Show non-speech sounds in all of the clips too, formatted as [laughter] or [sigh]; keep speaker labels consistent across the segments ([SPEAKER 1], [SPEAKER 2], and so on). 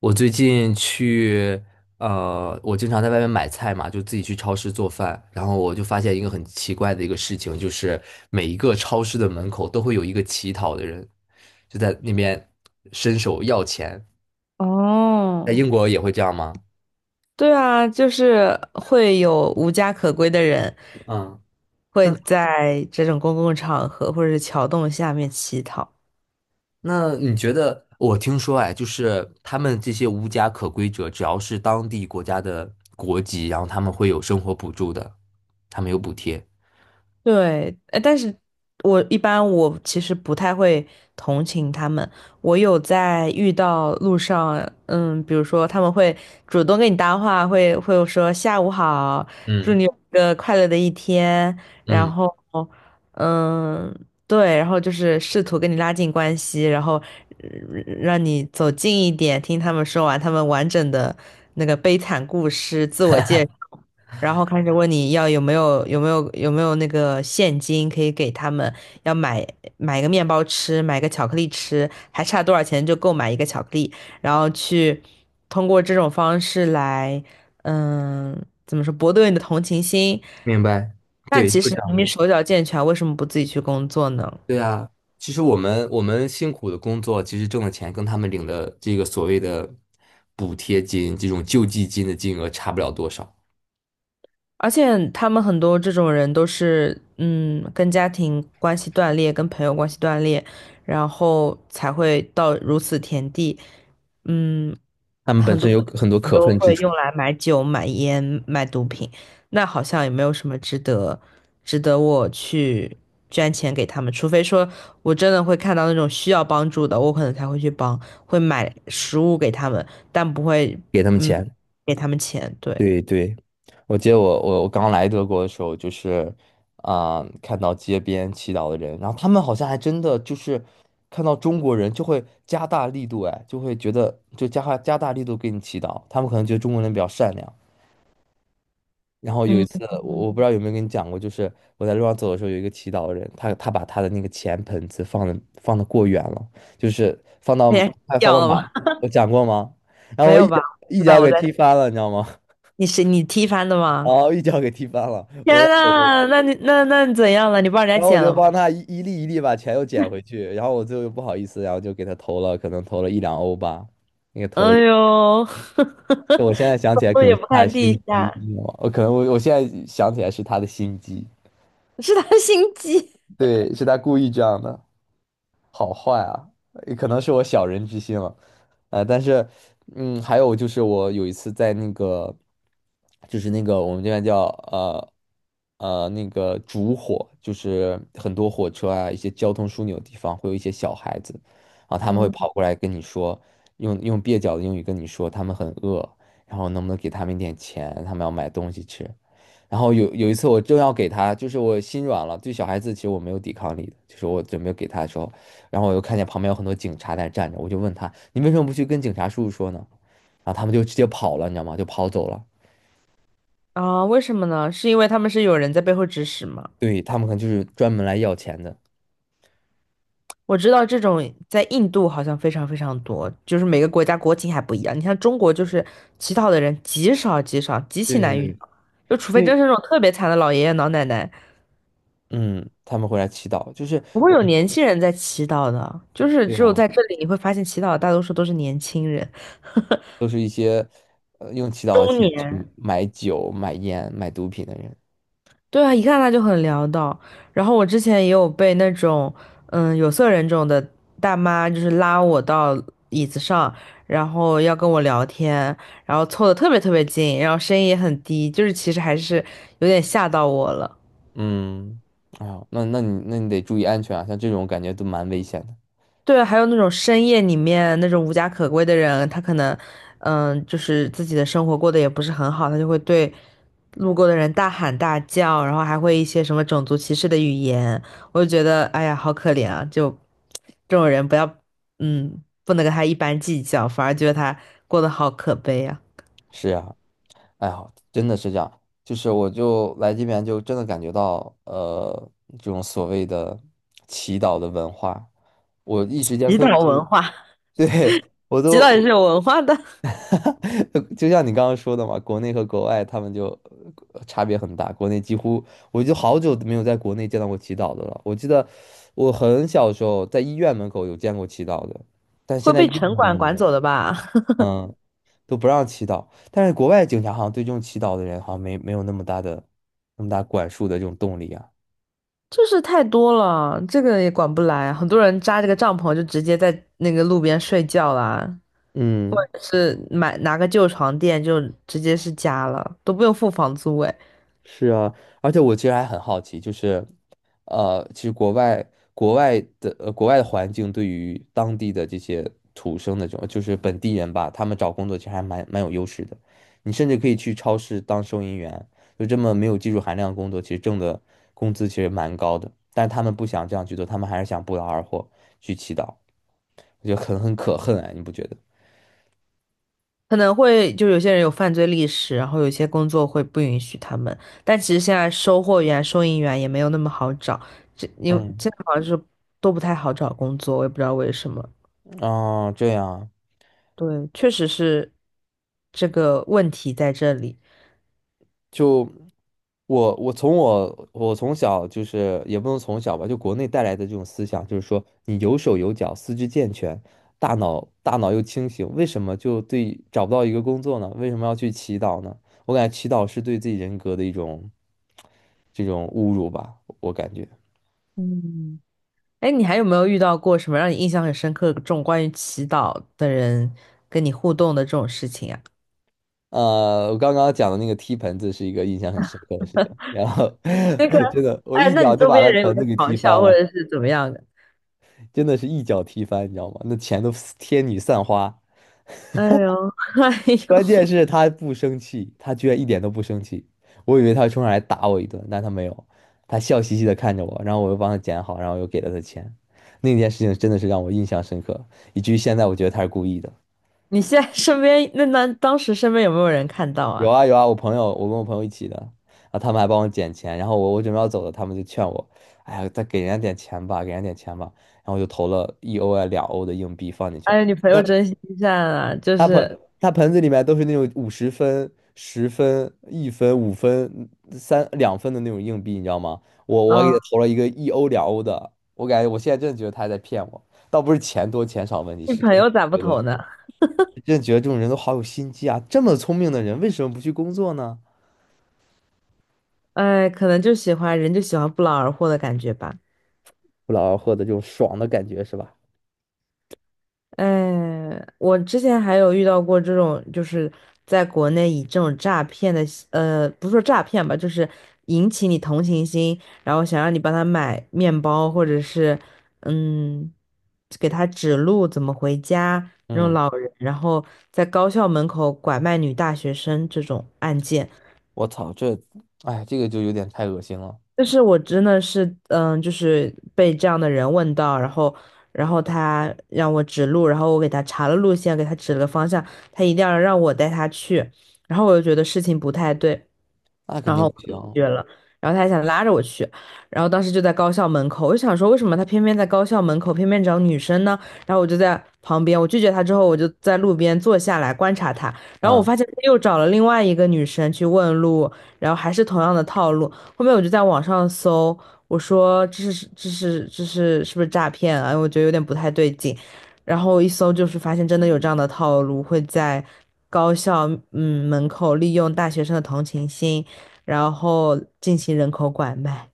[SPEAKER 1] 我最近去，我经常在外面买菜嘛，就自己去超市做饭，然后我就发现一个很奇怪的一个事情，就是每一个超市的门口都会有一个乞讨的人，就在那边伸手要钱。在
[SPEAKER 2] 哦，
[SPEAKER 1] 英国也会这样吗？
[SPEAKER 2] 对啊，就是会有无家可归的人
[SPEAKER 1] 嗯，那
[SPEAKER 2] 会在这种公共场合或者是桥洞下面乞讨。
[SPEAKER 1] 你觉得？我听说哎，就是他们这些无家可归者，只要是当地国家的国籍，然后他们会有生活补助的，他们有补贴。
[SPEAKER 2] 对，但是我一般我其实不太会同情他们。我有在遇到路上，嗯，比如说他们会主动跟你搭话，会说下午好，祝
[SPEAKER 1] 嗯
[SPEAKER 2] 你有一个快乐的一天，然
[SPEAKER 1] 嗯，
[SPEAKER 2] 后，嗯，对，然后就是试图跟你拉近关系，然后呃让你走近一点，听他们说完他们完整的那个悲惨故事，自我介绍。然后开始问你要有没有那个现金可以给他们，要买买个面包吃，买个巧克力吃，还差多少钱就购买一个巧克力，然后去通过这种方式来，嗯，怎么说，博得你的同情心。
[SPEAKER 1] 明白。
[SPEAKER 2] 那
[SPEAKER 1] 对，
[SPEAKER 2] 其
[SPEAKER 1] 就这
[SPEAKER 2] 实明
[SPEAKER 1] 样
[SPEAKER 2] 明
[SPEAKER 1] 的。
[SPEAKER 2] 手脚健全，为什么不自己去工作呢？
[SPEAKER 1] 对啊，其实我们辛苦的工作，其实挣的钱跟他们领的这个所谓的补贴金、这种救济金的金额差不了多少。
[SPEAKER 2] 而且他们很多这种人都是，嗯，跟家庭关系断裂，跟朋友关系断裂，然后才会到如此田地。嗯，
[SPEAKER 1] 他们本
[SPEAKER 2] 很
[SPEAKER 1] 身
[SPEAKER 2] 多
[SPEAKER 1] 有很多
[SPEAKER 2] 人
[SPEAKER 1] 可
[SPEAKER 2] 都
[SPEAKER 1] 恨之
[SPEAKER 2] 会
[SPEAKER 1] 处，
[SPEAKER 2] 用来买酒、买烟、买毒品，那好像也没有什么值得我去捐钱给他们，除非说我真的会看到那种需要帮助的，我可能才会去帮，会买食物给他们，但不会，
[SPEAKER 1] 给他们
[SPEAKER 2] 嗯，
[SPEAKER 1] 钱。
[SPEAKER 2] 给他们钱。对，
[SPEAKER 1] 对对，我记得我刚来德国的时候，就是啊、看到街边祈祷的人，然后他们好像还真的就是看到中国人就会加大力度，哎，就会觉得就加大力度给你祈祷。他们可能觉得中国人比较善良。然后有一
[SPEAKER 2] 嗯，
[SPEAKER 1] 次，我不知道有没有跟你讲过，就是我在路上走的时候，有一个祈祷的人，他把他的那个钱盆子放的过远了，就是放
[SPEAKER 2] [laughs]
[SPEAKER 1] 到
[SPEAKER 2] 那也
[SPEAKER 1] 还放
[SPEAKER 2] 掉
[SPEAKER 1] 到
[SPEAKER 2] 了
[SPEAKER 1] 马，
[SPEAKER 2] 吗？
[SPEAKER 1] 我讲过吗？然后
[SPEAKER 2] 没
[SPEAKER 1] 我一
[SPEAKER 2] 有吧？
[SPEAKER 1] 脚
[SPEAKER 2] 知道我
[SPEAKER 1] 给
[SPEAKER 2] 在，
[SPEAKER 1] 踢翻了，你知道吗？[laughs]
[SPEAKER 2] 你是你踢翻的
[SPEAKER 1] 然
[SPEAKER 2] 吗？
[SPEAKER 1] 后一脚给踢翻了，
[SPEAKER 2] 天
[SPEAKER 1] 我在走路，
[SPEAKER 2] 呐，那你怎样了？你帮人
[SPEAKER 1] 然
[SPEAKER 2] 家
[SPEAKER 1] 后我
[SPEAKER 2] 捡
[SPEAKER 1] 就
[SPEAKER 2] 了吗？
[SPEAKER 1] 帮他一粒一粒把钱又捡回去，然后我最后又不好意思，然后就给他投了，可能投了一两欧吧，那个
[SPEAKER 2] 哎
[SPEAKER 1] 投了，
[SPEAKER 2] 呦，
[SPEAKER 1] 我现在
[SPEAKER 2] [laughs]
[SPEAKER 1] 想
[SPEAKER 2] 走
[SPEAKER 1] 起来
[SPEAKER 2] 路
[SPEAKER 1] 可能
[SPEAKER 2] 也
[SPEAKER 1] 是
[SPEAKER 2] 不
[SPEAKER 1] 他的
[SPEAKER 2] 看
[SPEAKER 1] 心
[SPEAKER 2] 地
[SPEAKER 1] 机，
[SPEAKER 2] 下，
[SPEAKER 1] 你知道吗？我可能我我现在想起来是他的心机，
[SPEAKER 2] 是他心机。
[SPEAKER 1] 对，是他故意这样的。好坏啊，也可能是我小人之心了，但是，嗯，还有就是我有一次在那个，就是那个我们这边叫呃那个烛火，就是很多火车啊，一些交通枢纽地方会有一些小孩子，然后他们会
[SPEAKER 2] 嗯
[SPEAKER 1] 跑过来跟你说，用蹩脚的英语跟你说他们很饿，然后能不能给他们一点钱，他们要买东西吃，然后有一次我正要给他，就是我心软了，对小孩子其实我没有抵抗力的，就是我准备给他的时候，然后我又看见旁边有很多警察在站着，我就问他，你为什么不去跟警察叔叔说呢？然后他们就直接跑了，你知道吗？就跑走了。
[SPEAKER 2] 啊，为什么呢？是因为他们是有人在背后指使吗？
[SPEAKER 1] 对，他们可能就是专门来要钱的。
[SPEAKER 2] 我知道这种在印度好像非常非常多，就是每个国家国情还不一样。你像中国，就是乞讨的人极少极少，极其
[SPEAKER 1] 对对
[SPEAKER 2] 难遇
[SPEAKER 1] 对，
[SPEAKER 2] 到，就除
[SPEAKER 1] 因
[SPEAKER 2] 非真
[SPEAKER 1] 为
[SPEAKER 2] 是那种特别惨的老爷爷老奶奶，
[SPEAKER 1] 嗯，他们会来祈祷，就是
[SPEAKER 2] 不会
[SPEAKER 1] 我
[SPEAKER 2] 有
[SPEAKER 1] 们
[SPEAKER 2] 年轻人在祈祷的，就是
[SPEAKER 1] 对
[SPEAKER 2] 只有
[SPEAKER 1] 啊，
[SPEAKER 2] 在这里你会发现祈祷的大多数都是年轻人、
[SPEAKER 1] 都是一些用祈祷的
[SPEAKER 2] 中
[SPEAKER 1] 钱去
[SPEAKER 2] 年。
[SPEAKER 1] 买酒、买烟、买毒品的人。
[SPEAKER 2] 对啊，一看他就很潦倒。然后我之前也有被那种嗯有色人种的大妈，就是拉我到椅子上，然后要跟我聊天，然后凑得特别特别近，然后声音也很低，就是其实还是有点吓到我了。
[SPEAKER 1] 嗯，啊，那那你得注意安全啊，像这种感觉都蛮危险的。
[SPEAKER 2] 对，还有那种深夜里面那种无家可归的人，他可能，嗯，就是自己的生活过得也不是很好，他就会对路过的人大喊大叫，然后还会一些什么种族歧视的语言，我就觉得，哎呀，好可怜啊！就这种人，不要，嗯，不能跟他一般计较，反而觉得他过得好可悲啊。[laughs]
[SPEAKER 1] 是呀。哎呀，真的是这样，就是我就来这边就真的感觉到，这种所谓的祈祷的文化，我一时间
[SPEAKER 2] 极
[SPEAKER 1] 分不
[SPEAKER 2] 岛文
[SPEAKER 1] 清。
[SPEAKER 2] 化 [laughs]
[SPEAKER 1] [laughs] 对，我
[SPEAKER 2] 极
[SPEAKER 1] 都，
[SPEAKER 2] 道也
[SPEAKER 1] 我
[SPEAKER 2] 是有文化的，
[SPEAKER 1] [laughs] 就像你刚刚说的嘛，国内和国外他们就差别很大，国内几乎我就好久都没有在国内见到过祈祷的了。我记得我很小时候在医院门口有见过祈祷的，但现
[SPEAKER 2] 会
[SPEAKER 1] 在医
[SPEAKER 2] 被
[SPEAKER 1] 院
[SPEAKER 2] 城
[SPEAKER 1] 门口
[SPEAKER 2] 管
[SPEAKER 1] 都没
[SPEAKER 2] 管
[SPEAKER 1] 有。
[SPEAKER 2] 走的吧？
[SPEAKER 1] 嗯。都不让祈祷。但是国外警察好像对这种祈祷的人好像没有那么大的那么大管束的这种动力啊。
[SPEAKER 2] 就是太多了，这个也管不来。很多人扎这个帐篷就直接在那个路边睡觉啦，或
[SPEAKER 1] 嗯，
[SPEAKER 2] 者是买拿个旧床垫就直接是家了，都不用付房租诶。
[SPEAKER 1] 是啊，而且我其实还很好奇，就是，其实国外国外的环境对于当地的这些土生的这种就是本地人吧，他们找工作其实还蛮有优势的。你甚至可以去超市当收银员，就这么没有技术含量的工作，其实挣的工资其实蛮高的。但是他们不想这样去做，他们还是想不劳而获去祈祷。我觉得很可恨哎，你不觉得？
[SPEAKER 2] 可能会就有些人有犯罪历史，然后有些工作会不允许他们。但其实现在收货员、收银员也没有那么好找，这因为现
[SPEAKER 1] 嗯，
[SPEAKER 2] 在好像是都不太好找工作，我也不知道为什么。
[SPEAKER 1] 啊，这样啊
[SPEAKER 2] 对，确实是这个问题在这里。
[SPEAKER 1] 就我从小就是也不能从小吧，就国内带来的这种思想，就是说你有手有脚，四肢健全，大脑又清醒，为什么就对找不到一个工作呢？为什么要去祈祷呢？我感觉祈祷是对自己人格的一种这种侮辱吧，我感觉。
[SPEAKER 2] 嗯。哎，你还有没有遇到过什么让你印象很深刻这种关于祈祷的人跟你互动的这种事情啊？
[SPEAKER 1] 我刚刚讲的那个踢盆子是一个印象很深刻的事情，然后 [laughs] 真的，我
[SPEAKER 2] 哎，
[SPEAKER 1] 一
[SPEAKER 2] 那
[SPEAKER 1] 脚
[SPEAKER 2] 你
[SPEAKER 1] 就
[SPEAKER 2] 周
[SPEAKER 1] 把
[SPEAKER 2] 边
[SPEAKER 1] 他
[SPEAKER 2] 人有没
[SPEAKER 1] 盆
[SPEAKER 2] 有
[SPEAKER 1] 子给
[SPEAKER 2] 嘲
[SPEAKER 1] 踢翻
[SPEAKER 2] 笑或
[SPEAKER 1] 了，
[SPEAKER 2] 者是怎么样的？
[SPEAKER 1] 真的是一脚踢翻，你知道吗？那钱都天女散花，
[SPEAKER 2] [laughs] 哎呦，[laughs] 哎
[SPEAKER 1] 关
[SPEAKER 2] 呦，
[SPEAKER 1] 键是他不生气，他居然一点都不生气，我以为他会冲上来打我一顿，但他没有，他笑嘻嘻的看着我，然后我又帮他捡好，然后又给了他钱，那件事情真的是让我印象深刻，以至于现在我觉得他是故意的。
[SPEAKER 2] 你现在身边那当时身边有没有人看到
[SPEAKER 1] 有
[SPEAKER 2] 啊？
[SPEAKER 1] 啊有啊，我朋友，我跟我朋友一起的，然后他们还帮我捡钱，然后我准备要走了，他们就劝我，哎呀，再给人家点钱吧，给人家点钱吧，然后我就投了一欧啊两欧的硬币放进去了，
[SPEAKER 2] 哎，你朋
[SPEAKER 1] 那
[SPEAKER 2] 友真心善啊，就是
[SPEAKER 1] 他盆子里面都是那种五十分、十分、一分、五分、三两分的那种硬币，你知道吗？我给
[SPEAKER 2] 嗯，
[SPEAKER 1] 他投了一个一欧两欧的，我感觉我现在真的觉得他还在骗我，倒不是钱多钱少问题，
[SPEAKER 2] 你
[SPEAKER 1] 是
[SPEAKER 2] 朋
[SPEAKER 1] 真的
[SPEAKER 2] 友咋不
[SPEAKER 1] 觉
[SPEAKER 2] 投
[SPEAKER 1] 得
[SPEAKER 2] 呢？
[SPEAKER 1] 这种人都好有心机啊，这么聪明的人为什么不去工作呢？
[SPEAKER 2] 哎，可能就喜欢人就喜欢不劳而获的感觉吧。
[SPEAKER 1] 不劳而获的这种爽的感觉，是吧？
[SPEAKER 2] 哎，我之前还有遇到过这种，就是在国内以这种诈骗的，不是说诈骗吧，就是引起你同情心，然后想让你帮他买面包，或者是嗯，给他指路怎么回家那种
[SPEAKER 1] 嗯，
[SPEAKER 2] 老人，然后在高校门口拐卖女大学生这种案件，
[SPEAKER 1] 我操，这，哎，这个就有点太恶心了，
[SPEAKER 2] 就是我真的是，嗯，就是被这样的人问到，然后，然后他让我指路，然后我给他查了路线，给他指了个方向，他一定要让我带他去，然后我就觉得事情不太对，
[SPEAKER 1] 那肯
[SPEAKER 2] 然
[SPEAKER 1] 定
[SPEAKER 2] 后
[SPEAKER 1] 不行。
[SPEAKER 2] 我就拒绝了，然后他还想拉着我去，然后当时就在高校门口，我就想说为什么他偏偏在高校门口，偏偏找女生呢？然后我就在旁边，我拒绝他之后，我就在路边坐下来观察他，然后我
[SPEAKER 1] 嗯，
[SPEAKER 2] 发现他又找了另外一个女生去问路，然后还是同样的套路。后面我就在网上搜，我说这是是不是诈骗啊？我觉得有点不太对劲，然后一搜就是发现真的有这样的套路，会在高校嗯门口利用大学生的同情心。然后进行人口拐卖。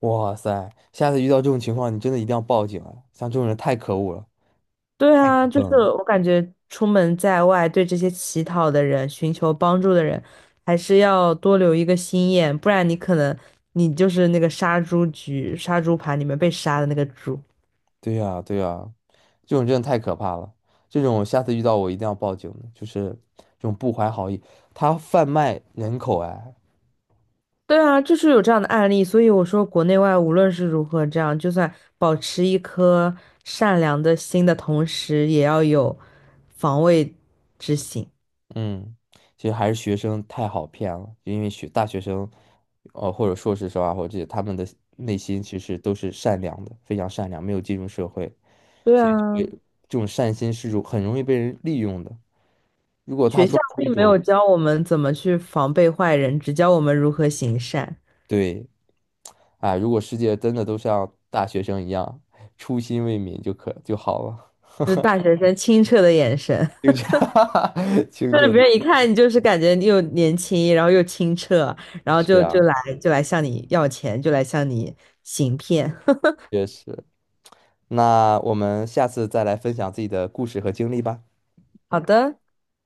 [SPEAKER 1] 哇塞，下次遇到这种情况，你真的一定要报警啊！像这种人太可恶了。
[SPEAKER 2] 对啊，就是
[SPEAKER 1] 嗯，
[SPEAKER 2] 我感觉出门在外，对这些乞讨的人、寻求帮助的人，还是要多留一个心眼，不然你可能你就是那个杀猪局、杀猪盘里面被杀的那个猪。
[SPEAKER 1] 对呀，对呀，这种真的太可怕了。这种下次遇到我一定要报警的就是这种不怀好意，他贩卖人口哎，
[SPEAKER 2] 对啊，就是有这样的案例，所以我说国内外无论是如何这样，就算保持一颗善良的心的同时，也要有防卫之心。
[SPEAKER 1] 嗯，其实还是学生太好骗了，因为学大学生，或者硕士生啊，或者这些他们的内心其实都是善良的，非常善良，没有进入社会，
[SPEAKER 2] 对
[SPEAKER 1] 所以就
[SPEAKER 2] 啊，
[SPEAKER 1] 会这种善心是很容易被人利用的。如果他
[SPEAKER 2] 学校
[SPEAKER 1] 装出一
[SPEAKER 2] 并没有
[SPEAKER 1] 种
[SPEAKER 2] 教我们怎么去防备坏人，只教我们如何行善，
[SPEAKER 1] 对，啊，如果世界真的都像大学生一样，初心未泯就好了。
[SPEAKER 2] 就是大学生清澈的眼神，
[SPEAKER 1] [laughs] 清澈，[laughs]
[SPEAKER 2] [laughs]
[SPEAKER 1] 清
[SPEAKER 2] 就是
[SPEAKER 1] 澈
[SPEAKER 2] 别
[SPEAKER 1] 的
[SPEAKER 2] 人一看你就是感觉你又年轻，然后又清澈，然后
[SPEAKER 1] 是
[SPEAKER 2] 就
[SPEAKER 1] 啊，
[SPEAKER 2] 就来就来向你要钱，就来向你行骗。
[SPEAKER 1] 确实。那我们下次再来分享自己的故事和经历吧。
[SPEAKER 2] [laughs] 好的。